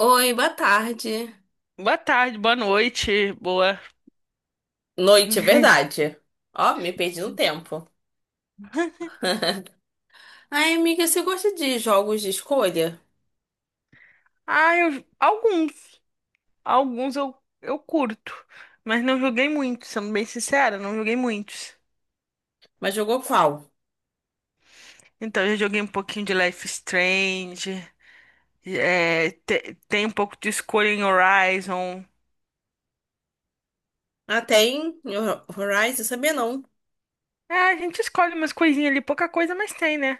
Oi, boa tarde. Boa tarde, boa noite, boa. Noite, é verdade. Ó, me perdi no tempo. Ai, amiga, você gosta de jogos de escolha? Ah, alguns. Alguns eu curto. Mas não joguei muitos, sendo bem sincera, não joguei muitos. Mas jogou qual? Então, eu já joguei um pouquinho de Life is Strange. É, tem um pouco de escolha em Horizon. Ah, tem Horizon, sabia não? É, a gente escolhe umas coisinhas ali, pouca coisa, mas tem, né?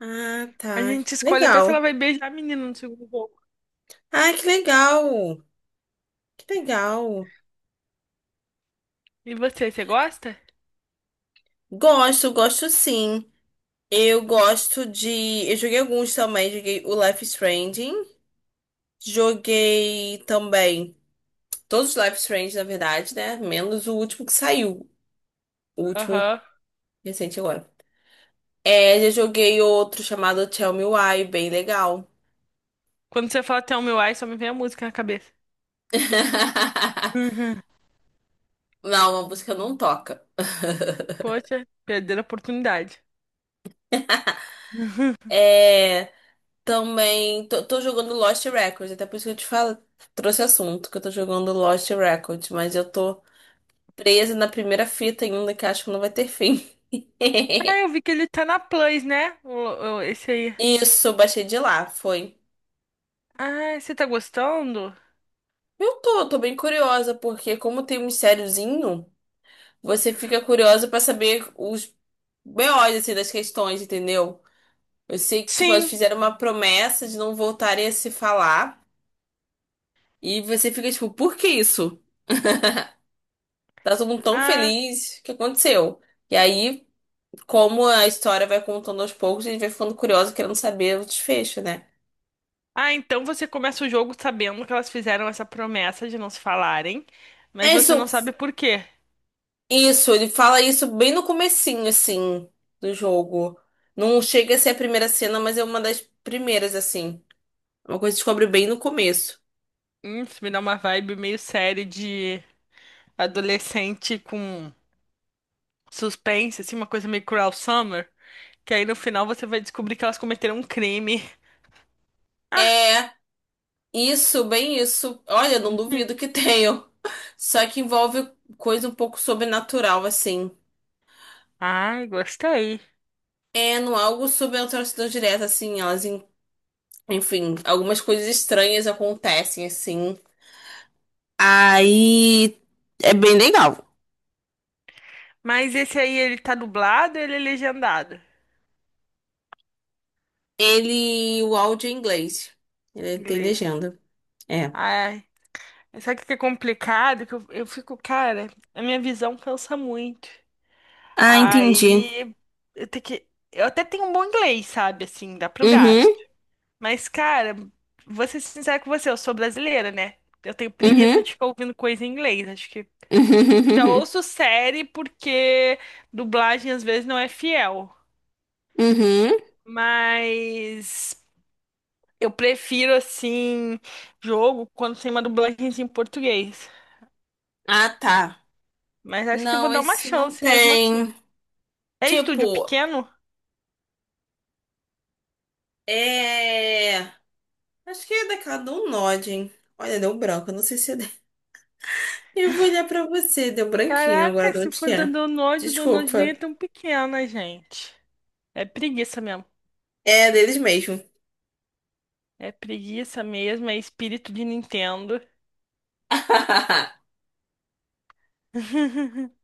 Ah, A tá. gente escolhe até se ela Legal. vai beijar a menina no segundo jogo. Ah, que legal. Que legal. E você gosta? Gosto, gosto sim. Eu gosto de. Eu joguei alguns também. Joguei o Life is Strange. Joguei também. Todos os Life is Strange, na verdade, né? Menos o último que saiu. O último Aham. recente agora. É, já joguei outro chamado Tell Me Why, bem legal. Quando você fala Tell Me Why, só me vem a música na cabeça. Uhum. Não, a música não toca. Poxa, perder a oportunidade. Uhum. É, também tô jogando Lost Records, até por isso que eu te falo, trouxe assunto que eu tô jogando Lost Records, mas eu tô presa na primeira fita ainda que acho que não vai ter fim. Ah, eu vi que ele tá na Plus, né? Esse aí. Isso, eu baixei de lá, foi. Ah, você tá gostando? Eu tô bem curiosa, porque como tem um mistériozinho, você fica curiosa pra saber os BOs, assim, das questões, entendeu? Eu sei que, tipo, elas Sim. fizeram uma promessa de não voltarem a se falar. E você fica, tipo, por que isso? Tá todo mundo tão Ah, feliz. O que aconteceu? E aí, como a história vai contando aos poucos, a gente vai ficando curioso, querendo saber o desfecho, né? ah, então você começa o jogo sabendo que elas fizeram essa promessa de não se falarem, mas É você não isso. sabe por quê. Isso, ele fala isso bem no comecinho, assim, do jogo. Não chega a ser a primeira cena, mas é uma das primeiras, assim. Uma coisa que descobre bem no começo. Isso me dá uma vibe meio série de adolescente com suspense, assim, uma coisa meio Cruel Summer, que aí no final você vai descobrir que elas cometeram um crime. Ah, É isso, bem isso. Olha, não duvido que tenham. Só que envolve coisa um pouco sobrenatural, assim. ai, gostei. É, não algo sobrenatural a atrocidade direta, assim. Elas, enfim, algumas coisas estranhas acontecem, assim. Aí é bem legal. Mas esse aí, ele tá dublado ou ele é legendado? Ele, o áudio é em inglês. Ele é, tem Inglês. legenda. É. Ah, sabe o que é complicado? Que eu fico, cara, a minha visão cansa muito. Ah, entendi. Aí eu tenho que. Eu até tenho um bom inglês, sabe? Assim, dá pro Uhum, gasto. Mas, cara, vou ser sincera com você, eu sou brasileira, né? Eu tenho uhum, preguiça de ficar ouvindo coisa em inglês. Acho que. Já uhum, ouço série porque dublagem às vezes não é fiel. uhum, uhum. Mas eu prefiro, assim, jogo quando tem uma dublagem em português. Ah, tá. Mas acho que eu vou Não, dar uma esse não chance mesmo assim. tem. É estúdio Tipo, pequeno? é. Acho que é daquela do Nod, hein? Olha, deu branco. Não sei se é. Eu vou olhar pra você. Deu branquinho agora Caraca, de se onde que for da é. Download, o Download nem é Desculpa. tão pequena, gente. É preguiça mesmo. É deles mesmo. É preguiça mesmo, é espírito de Nintendo.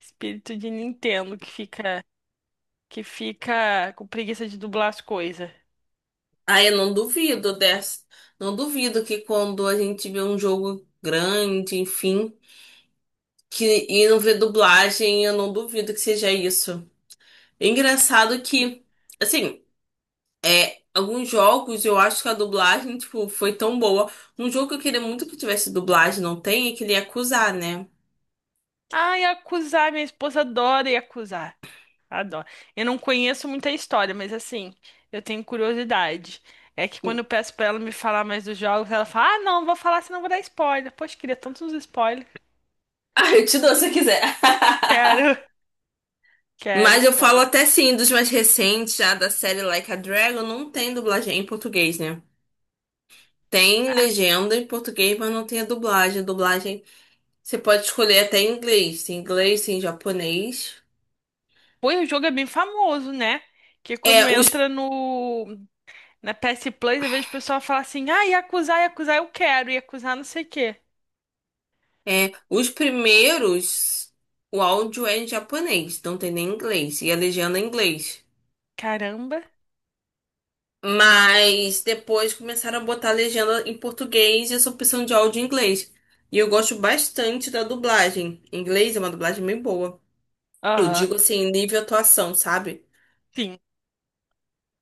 Espírito de Nintendo que fica com preguiça de dublar as coisas. Ah, eu não duvido dessa. Não duvido que quando a gente vê um jogo grande, enfim, que e não vê dublagem, eu não duvido que seja isso. É engraçado que, assim. Alguns jogos eu acho que a dublagem, tipo, foi tão boa. Um jogo que eu queria muito que tivesse dublagem, não tem, é que ele ia acusar, né? Ai, acusar, minha esposa adora acusar. Adora. Eu não conheço muita história, mas assim, eu tenho curiosidade. É que quando eu peço pra ela me falar mais dos jogos, ela fala: "Ah, não, vou falar, senão vou dar spoiler". Poxa, queria tantos spoilers. Ah, eu te dou se eu quiser. Quero. Quero Mas eu falo spoiler. até sim, dos mais recentes, já da série Like a Dragon, não tem dublagem em português, né? Tem Ah, legenda em português, mas não tem a dublagem. A dublagem você pode escolher até em inglês. Tem inglês, tem japonês. pô, e o jogo é bem famoso, né? Que quando É, os, entra no na PS Plus, eu vejo o pessoal falar assim: "Ah, Yakuza, Yakuza, eu quero, Yakuza não sei o quê". Os primeiros, o áudio é em japonês, não tem nem inglês. E a legenda é em inglês. Caramba. Mas depois começaram a botar a legenda em português e essa opção de áudio em inglês. E eu gosto bastante da dublagem. Em inglês é uma dublagem bem boa. Eu Aham. digo assim, nível atuação, sabe? Sim,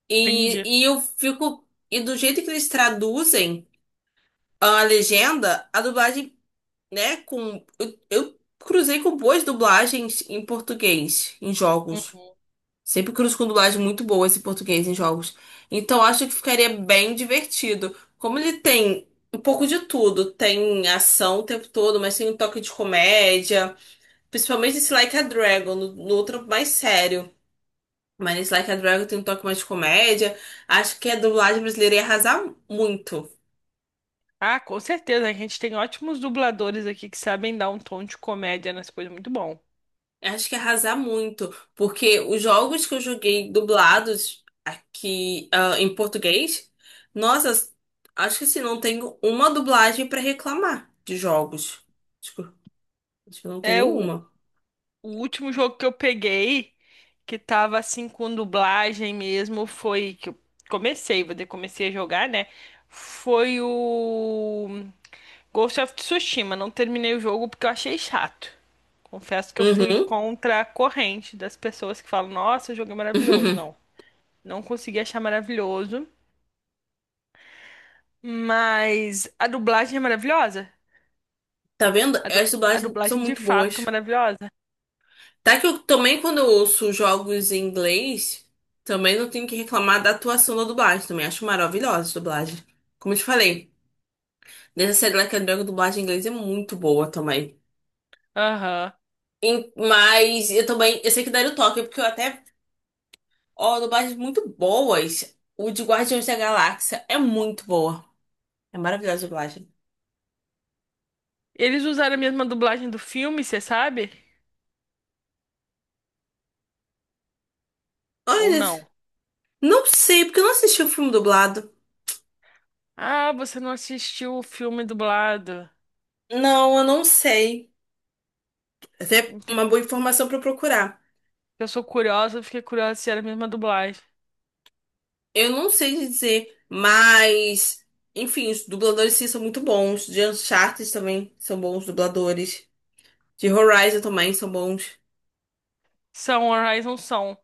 E, entendi. e eu fico. E do jeito que eles traduzem a legenda, a dublagem, né? Eu cruzei com boas dublagens em português, em jogos. Uhum. Sempre cruzo com dublagem muito boa esse português em jogos. Então acho que ficaria bem divertido. Como ele tem um pouco de tudo, tem ação o tempo todo, mas tem um toque de comédia, principalmente esse Like a Dragon, no outro mais sério. Mas esse Like a Dragon tem um toque mais de comédia. Acho que a dublagem brasileira ia arrasar muito. Ah, com certeza, a gente tem ótimos dubladores aqui que sabem dar um tom de comédia nas coisas, muito bom. Acho que arrasar muito, porque os jogos que eu joguei dublados aqui, em português, nossa, acho que assim, não tenho uma dublagem pra reclamar de jogos. Acho que, acho que não tem É o, nenhuma. o último jogo que eu peguei que tava assim com dublagem mesmo foi que eu comecei, vou dizer, comecei a jogar, né? Foi o Ghost of Tsushima, não terminei o jogo porque eu achei chato. Confesso que eu fui Uhum. contra a corrente das pessoas que falam: Nossa, o jogo é maravilhoso. Não, não consegui achar maravilhoso. Mas a dublagem é maravilhosa. Tá vendo? A, du- As a dublagens são dublagem de muito fato é boas. maravilhosa. Tá que eu também, quando eu ouço jogos em inglês, também não tenho que reclamar da atuação da dublagem. Também acho maravilhosa a dublagem. Como eu te falei, nessa série Like a Dragon, a dublagem em inglês é muito boa também. Aham. Mas eu também, eu sei que daria o toque, porque eu até, ó, dublagens muito boas. O de Guardiões da Galáxia é muito boa. É maravilhosa a dublagem. Eles usaram a mesma dublagem do filme, você sabe? Ou Olha, não? não sei, porque eu não assisti o filme dublado. Ah, você não assistiu o filme dublado. Não, eu não sei. Até Entendi. uma boa informação pra eu procurar. Eu sou curiosa, eu fiquei curiosa se era a mesma dublagem. Eu não sei dizer, mas, enfim, os dubladores sim são muito bons. De Uncharted também são bons dubladores. De Horizon também são bons. São, Horizon são.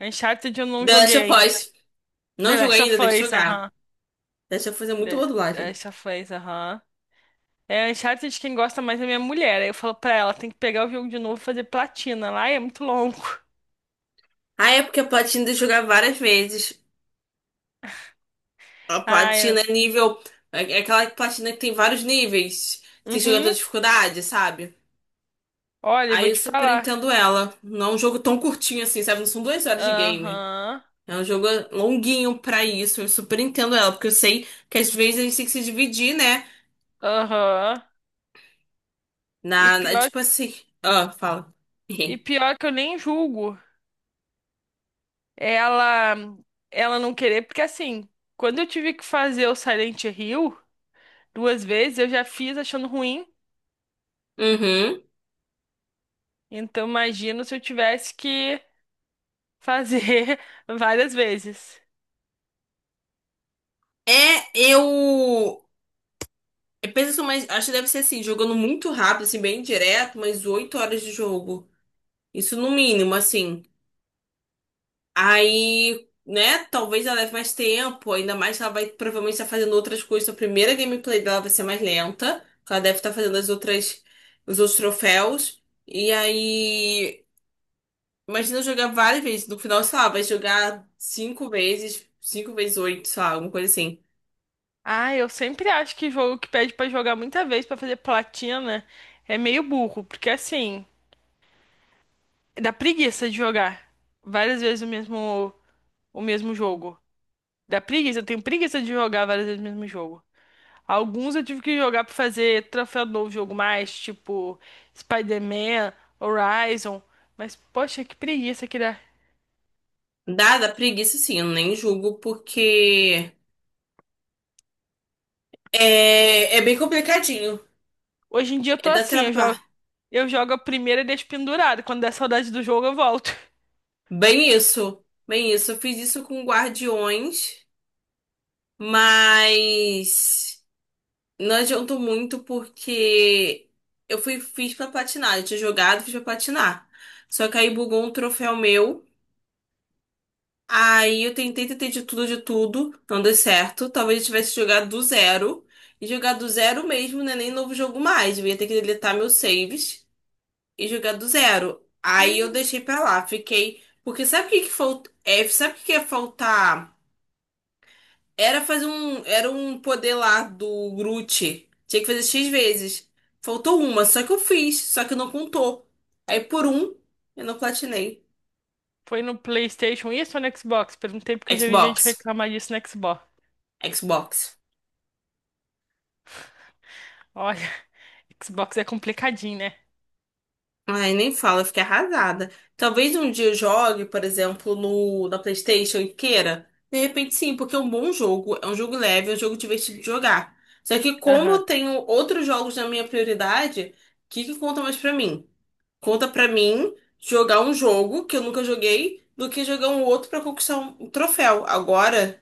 Uncharted eu não The Last of joguei Us. The Não Last joguei ainda, of tem que Us, jogar. aham. The Last of Us é muito boa The dublagem. Last of Us, aham. É Uncharted de quem gosta mais é minha mulher. Aí eu falo pra ela, tem que pegar o jogo de novo e fazer platina. Lá é muito longo. Ah, é porque a platina de jogar várias vezes. A Ah, é. platina é nível. É aquela platina que tem vários níveis. Você joga toda Uhum. dificuldade, sabe? Olha, eu Aí vou eu te super falar. entendo ela. Não é um jogo tão curtinho assim, sabe? Não são 2 horas de game. Aham. É um jogo longuinho pra isso. Eu super entendo ela, porque eu sei que às vezes a gente tem que se dividir, né? Aham. E pior, Tipo assim. Ah, fala. e pior que eu nem julgo ela, ela não querer, porque assim, quando eu tive que fazer o Silent Hill duas vezes, eu já fiz achando ruim. Uhum. Então imagino se eu tivesse que fazer várias vezes. É, eu. Eu penso, mas acho que deve ser assim, jogando muito rápido, assim, bem direto, mas 8 horas de jogo. Isso no mínimo, assim. Aí, né, talvez ela leve mais tempo, ainda mais que ela vai provavelmente estar fazendo outras coisas. A primeira gameplay dela vai ser mais lenta, porque ela deve estar fazendo as outras, os outros troféus. E aí, imagina eu jogar várias vezes. No final, sei lá, vai jogar cinco vezes oito, sei lá, alguma coisa assim. Ah, eu sempre acho que jogo que pede pra jogar muita vez pra fazer platina é meio burro, porque assim, dá preguiça de jogar várias vezes o mesmo jogo. Dá preguiça, eu tenho preguiça de jogar várias vezes o mesmo jogo. Alguns eu tive que jogar pra fazer troféu do jogo mais, tipo Spider-Man, Horizon, mas poxa, que preguiça que dá. Dada a preguiça, sim, eu nem julgo, porque é bem complicadinho. Hoje em dia eu É tô da assim, eu jogo, trabalho. eu jogo a primeira e deixo pendurado, quando der saudade do jogo eu volto. Bem isso. Bem isso. Eu fiz isso com Guardiões. Mas não adiantou muito porque fiz pra platinar. Eu tinha jogado, fiz pra platinar. Só que aí bugou um troféu meu. Aí eu tentei, tentei de tudo, de tudo. Não deu certo. Talvez eu tivesse jogado do zero. E jogar do zero mesmo, né? Nem novo jogo mais. Eu ia ter que deletar meus saves e jogar do zero. Aí eu deixei pra lá. Fiquei. Porque sabe o que que falta? É, sabe o que que é faltar? Era fazer um. Era um poder lá do Groot. Tinha que fazer X vezes. Faltou uma, só que eu fiz, só que não contou. Aí por um, eu não platinei. Foi no PlayStation isso ou no Xbox? Perguntei porque eu já vi gente Xbox. reclamar disso no Xbox. Xbox. Olha, Xbox é complicadinho, né? Ai, nem fala, eu fiquei arrasada. Talvez um dia eu jogue, por exemplo, no, na PlayStation e queira. De repente, sim, porque é um bom jogo, é um jogo leve, é um jogo divertido de jogar. Só que, como eu Aham, tenho outros jogos na minha prioridade, o que que conta mais pra mim? Conta pra mim jogar um jogo que eu nunca joguei do que jogar um outro pra conquistar um troféu. Agora,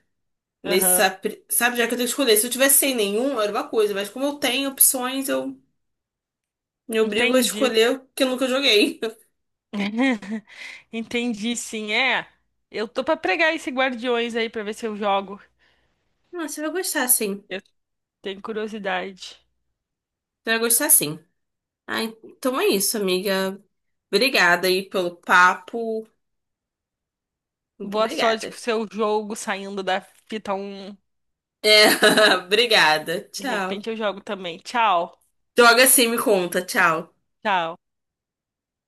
nesse, aham. sabe, sabe, já que eu tenho que escolher. Se eu tivesse sem nenhum, era uma coisa, mas como eu tenho opções, eu me obrigo a Entendi. escolher o que eu nunca joguei. Entendi, sim. É, eu tô pra pregar esse Guardiões aí pra ver se eu jogo. Ah, você vai gostar, sim. Você Eu tenho curiosidade. vai gostar, sim. Ah, então é isso, amiga. Obrigada aí pelo papo. Muito Boa sorte obrigada. com o seu jogo saindo da fita 1. É, obrigada. De Tchau. repente eu jogo também. Tchau. Droga, sim, me conta. Tchau. Tchau.